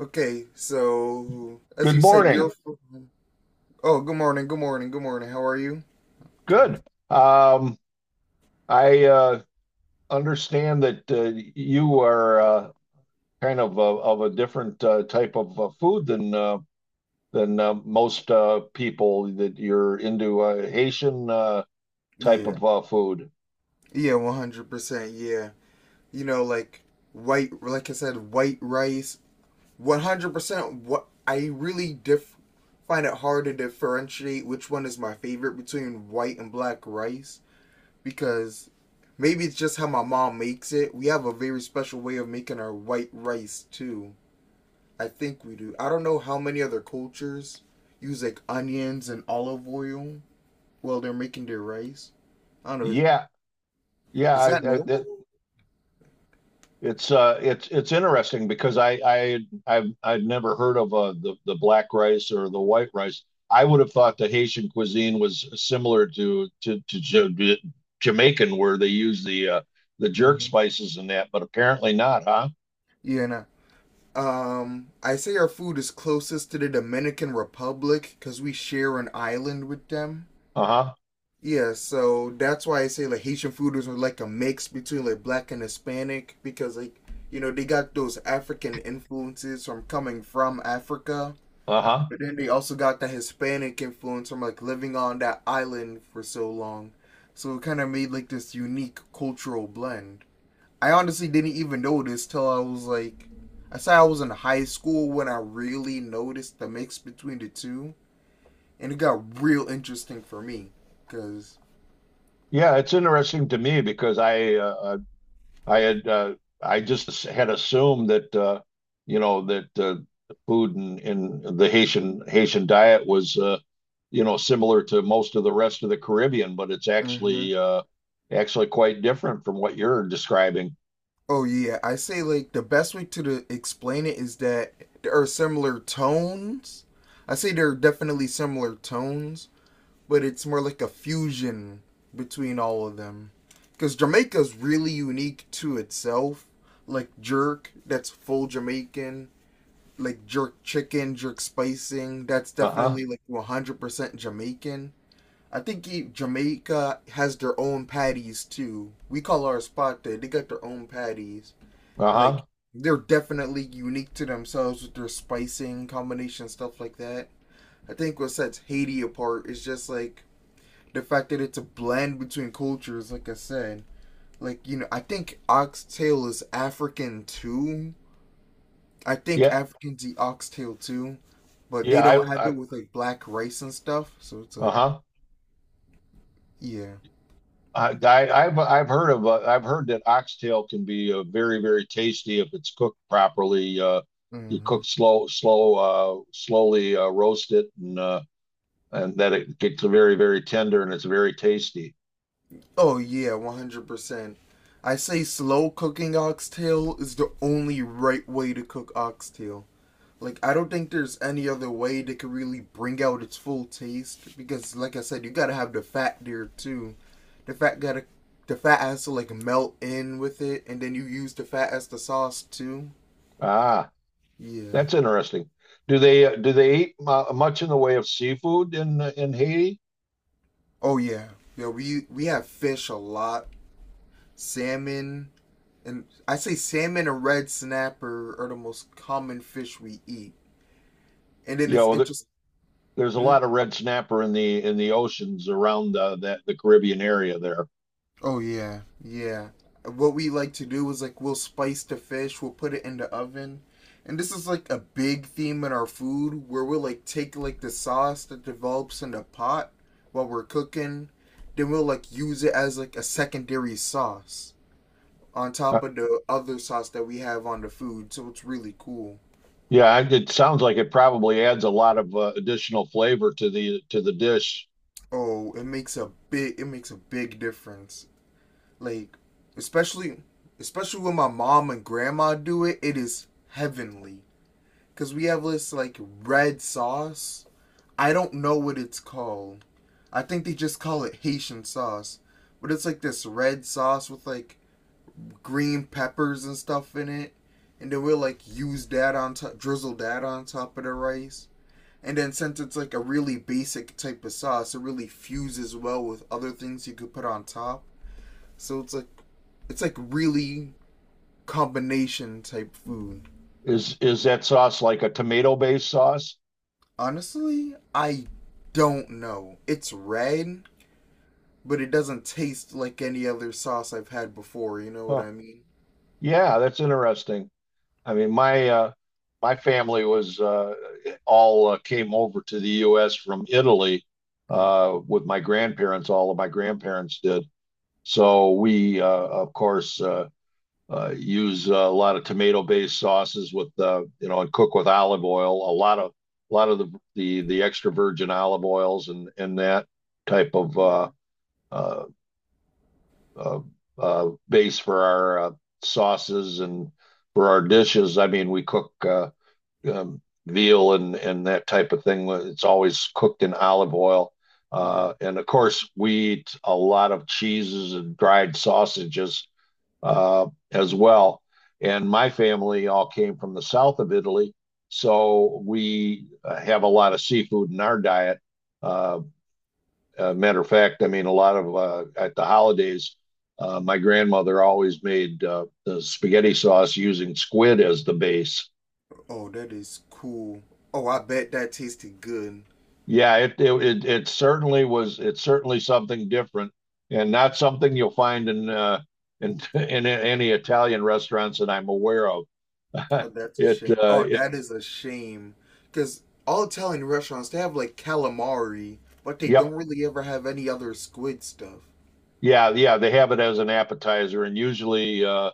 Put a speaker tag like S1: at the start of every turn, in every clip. S1: Okay, so as
S2: Good
S1: you said,
S2: morning.
S1: you're. Oh, good morning, good morning, good morning. How are you?
S2: Good. Um, I understand that you are kind of a different type of food than than most people. That you're into Haitian type
S1: Yeah,
S2: of food.
S1: yeah, 100%. Yeah. Like white, like I said, white rice. 100%. What I really diff Find it hard to differentiate which one is my favorite between white and black rice, because maybe it's just how my mom makes it. We have a very special way of making our white rice too. I think we do. I don't know how many other cultures use like onions and olive oil while they're making their rice. I don't know.
S2: Yeah, yeah.
S1: Is that normal?
S2: I, it's interesting because I I've I'd never heard of the black rice or the white rice. I would have thought the Haitian cuisine was similar to Jamaican, where they use the jerk
S1: hmm
S2: spices and that, but apparently not, huh?
S1: Yeah, nah. I say our food is closest to the Dominican Republic because we share an island with them.
S2: Uh-huh.
S1: Yeah, so that's why I say like Haitian food is like a mix between like black and Hispanic because like, you know, they got those African influences from coming from Africa,
S2: Uh-huh.
S1: but then they also got the Hispanic influence from like living on that island for so long. So it kind of made like this unique cultural blend. I honestly didn't even notice till I say I was in high school when I really noticed the mix between the two, and it got real interesting for me because...
S2: Yeah, it's interesting to me because I had uh, I just had assumed that you know that uh, the food in the Haitian diet was you know, similar to most of the rest of the Caribbean, but it's actually quite different from what you're describing.
S1: Oh yeah, I say like the best way to explain it is that there are similar tones. I say there are definitely similar tones, but it's more like a fusion between all of them. Because Jamaica's really unique to itself. Like jerk, that's full Jamaican. Like jerk chicken, jerk spicing, that's
S2: Uh-huh.
S1: definitely like 100% Jamaican. I think Jamaica has their own patties too. We call our spot there, they got their own patties. Like
S2: Uh-huh.
S1: they're definitely unique to themselves with their spicing combination stuff like that. I think what sets Haiti apart is just like the fact that it's a blend between cultures. Like I said, like, you know, I think oxtail is African too. I think
S2: Yeah.
S1: Africans eat oxtail too, but they
S2: Yeah.
S1: don't have it
S2: I
S1: with like black rice and stuff. So it's like
S2: uh-huh.
S1: yeah.
S2: I, I've heard of I've heard that oxtail can be very very tasty if it's cooked properly. You
S1: Mm-hmm.
S2: cook slowly roast it and that it gets very very tender and it's very tasty.
S1: Oh yeah, 100%. I say slow cooking oxtail is the only right way to cook oxtail. Like I don't think there's any other way that could really bring out its full taste because, like I said, you gotta have the fat there too. The fat gotta, the fat has to like melt in with it, and then you use the fat as the sauce too.
S2: Ah.
S1: Yeah.
S2: That's interesting. Do they eat mu much in the way of seafood in Haiti?
S1: Oh yeah. Yeah. We have fish a lot, salmon, and I say salmon and red snapper are the most common fish we eat. And then
S2: You
S1: it's
S2: know, th
S1: interesting.
S2: There's a lot of red snapper in the oceans around that the Caribbean area there.
S1: Oh yeah, yeah. What we like to do is like we'll spice the fish, we'll put it in the oven, and this is like a big theme in our food where we'll like take like the sauce that develops in the pot while we're cooking, then we'll like use it as like a secondary sauce on
S2: Uh,
S1: top of the other sauce that we have on the food. So it's really cool.
S2: yeah, I- it sounds like it probably adds a lot of additional flavor to the dish.
S1: Oh, it makes a big difference. Like especially especially when my mom and grandma do it, it is heavenly. Because we have this, like, red sauce. I don't know what it's called. I think they just call it Haitian sauce. But it's like this red sauce with, like, green peppers and stuff in it. And then we'll, like, use that on top, drizzle that on top of the rice. And then since it's like a really basic type of sauce, it really fuses well with other things you could put on top. So it's like really combination type food.
S2: Is that sauce like a tomato-based sauce?
S1: Honestly, I don't know. It's red, but it doesn't taste like any other sauce I've had before. You know what
S2: Huh.
S1: I mean?
S2: Yeah, that's interesting. I mean, my family was all came over to the U.S. from Italy
S1: Mm.
S2: with my grandparents. All of my grandparents did. So we, of course, use a lot of tomato-based sauces with you know, and cook with olive oil. A lot of the extra virgin olive oils and that type of uh, uh, base for our sauces and for our dishes. I mean, we cook. Um, Veal and that type of thing. It's always cooked in olive oil.
S1: Mm.
S2: And of course, we eat a lot of cheeses and dried sausages as well. And my family all came from the south of Italy, so we have a lot of seafood in our diet. Uh, Matter of fact, I mean, a lot of at the holidays, my grandmother always made the spaghetti sauce using squid as the base.
S1: Oh, that is cool. Oh, I bet that tasted good.
S2: Yeah, it certainly was. It's certainly something different, and not something you'll find in in any Italian restaurants that I'm aware of.
S1: Oh, that's a
S2: It,
S1: shame.
S2: uh,
S1: Oh,
S2: it,
S1: that is a shame. Because all Italian restaurants, they have like calamari, but they don't
S2: yep,
S1: really ever have any other squid stuff.
S2: yeah, yeah. They have it as an appetizer, and usually, uh,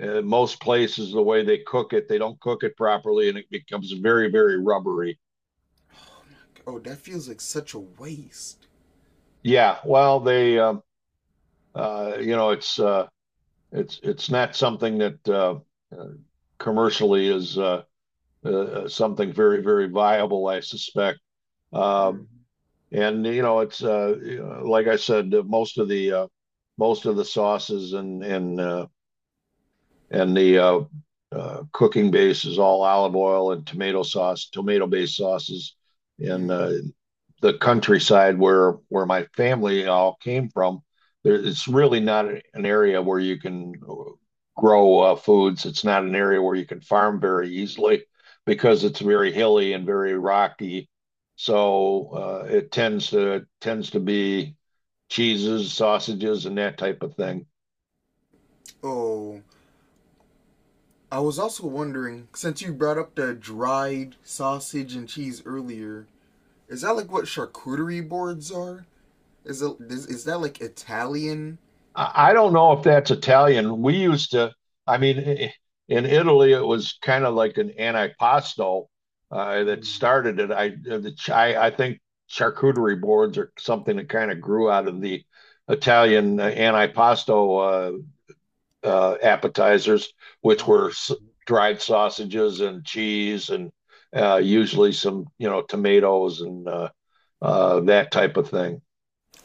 S2: uh, most places the way they cook it, they don't cook it properly, and it becomes very, very rubbery.
S1: Oh, that feels like such a waste.
S2: Yeah, well, you know, it's not something that uh, commercially is something very, very viable, I suspect.
S1: Mm.
S2: Um, and you know, it's like I said, most of the sauces and and the cooking base is all olive oil and tomato sauce, tomato based sauces, and
S1: Mm.
S2: the countryside where my family all came from, there, it's really not an area where you can grow foods. It's not an area where you can farm very easily because it's very hilly and very rocky. So it tends to be cheeses, sausages, and that type of thing.
S1: Oh, I was also wondering, since you brought up the dried sausage and cheese earlier, is that like what charcuterie boards are? Is that like Italian?
S2: I don't know if that's Italian. We used to, I mean, I- In Italy, it was kind of like an antipasto that
S1: Mm.
S2: started it. I, the, ch- I think charcuterie boards are something that kind of grew out of the Italian antipasto appetizers, which were
S1: Oh, okay.
S2: dried sausages and cheese and usually some, you know, tomatoes and that type of thing.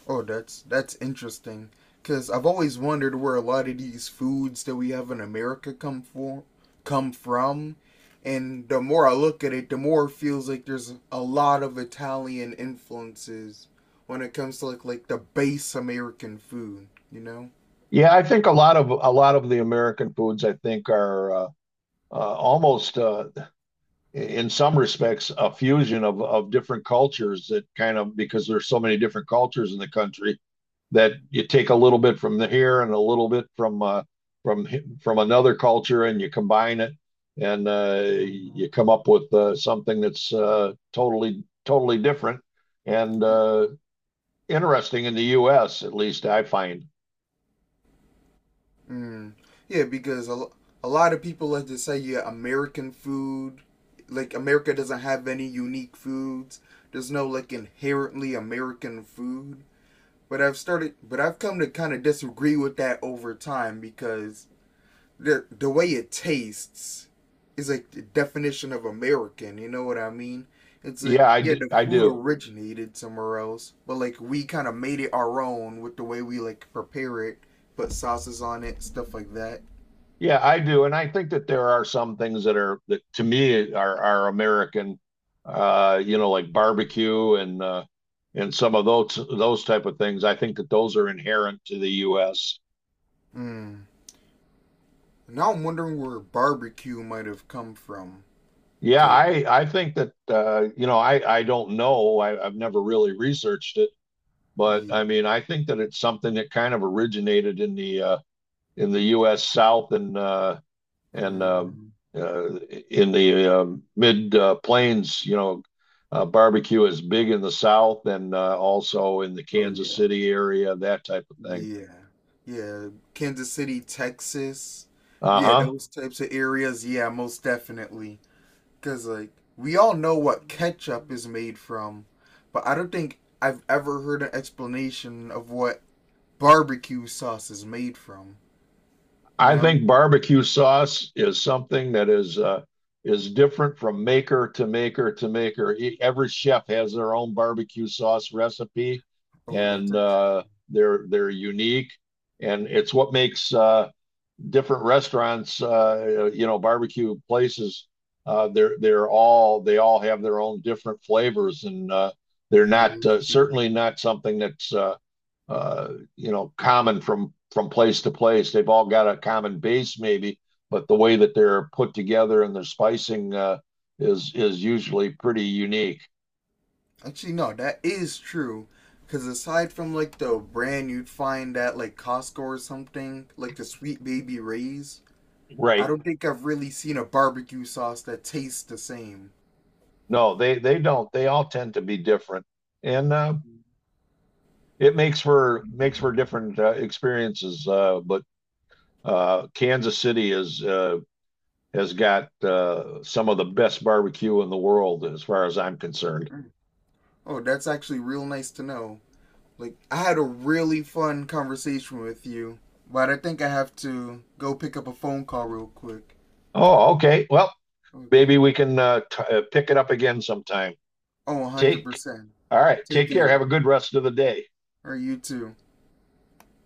S1: Oh, that's interesting. Cause I've always wondered where a lot of these foods that we have in America come from, and the more I look at it, the more it feels like there's a lot of Italian influences when it comes to like the base American food. You know.
S2: Yeah, I think a lot of the American foods I think are almost in some respects a fusion of different cultures that kind of, because there's so many different cultures in the country, that you take a little bit from the here and a little bit from from from another culture and you combine it and
S1: Mhm.
S2: you come up with something that's totally totally different and interesting in the U.S. at least I find.
S1: Mm. Yeah, because a lot of people like to say, yeah, American food, like America doesn't have any unique foods. There's no like inherently American food. But I've come to kind of disagree with that over time because the way it tastes is like the definition of American. You know what I mean? It's like yeah, the
S2: I
S1: food
S2: do.
S1: originated somewhere else, but like we kind of made it our own with the way we like prepare it, put sauces on it, stuff like that.
S2: Yeah, I do, and I think that there are some things that are that to me are American, you know, like barbecue and some of those type of things. I think that those are inherent to the U.S.
S1: Mm. Now I'm wondering where barbecue might have come from
S2: Yeah,
S1: because
S2: I think that you know, I don't know. I've never really researched it, but
S1: yeah.
S2: I mean I think that it's something that kind of originated in the U.S. South and
S1: Mm.
S2: uh, in the mid plains, you know, barbecue is big in the South and also in the
S1: Oh
S2: Kansas
S1: yeah,
S2: City area, that type of thing.
S1: yeah, yeah. Kansas City, Texas. Yeah,
S2: Uh-huh.
S1: those types of areas. Yeah, most definitely. Because, like, we all know what ketchup is made from, but I don't think I've ever heard an explanation of what barbecue sauce is made from. You
S2: I
S1: know?
S2: think barbecue sauce is something that is different from maker to maker. Every chef has their own barbecue sauce recipe,
S1: Oh, that's
S2: and
S1: act-
S2: they're unique, and it's what makes different restaurants, you know, barbecue places, they all have their own different flavors, and they're
S1: that
S2: not
S1: is true.
S2: certainly not something that's uh, you know, common from place to place. They've all got a common base maybe, but the way that they're put together and their spicing is usually pretty unique.
S1: Actually, no, that is true. Because aside from like the brand you'd find at like Costco or something, like the Sweet Baby Ray's, I
S2: Right.
S1: don't think I've really seen a barbecue sauce that tastes the same.
S2: No, they don't. They all tend to be different, and it makes for different experiences. But Kansas City is has got some of the best barbecue in the world, as far as I'm concerned.
S1: Mm. Oh, that's actually real nice to know. Like I had a really fun conversation with you, but I think I have to go pick up a phone call real quick.
S2: Oh, okay. Well,
S1: Okay.
S2: maybe we can pick it up again sometime.
S1: Oh,
S2: Take,
S1: 100%.
S2: all right.
S1: Take
S2: Take care. Have
S1: care.
S2: a good rest of the day.
S1: Or you too.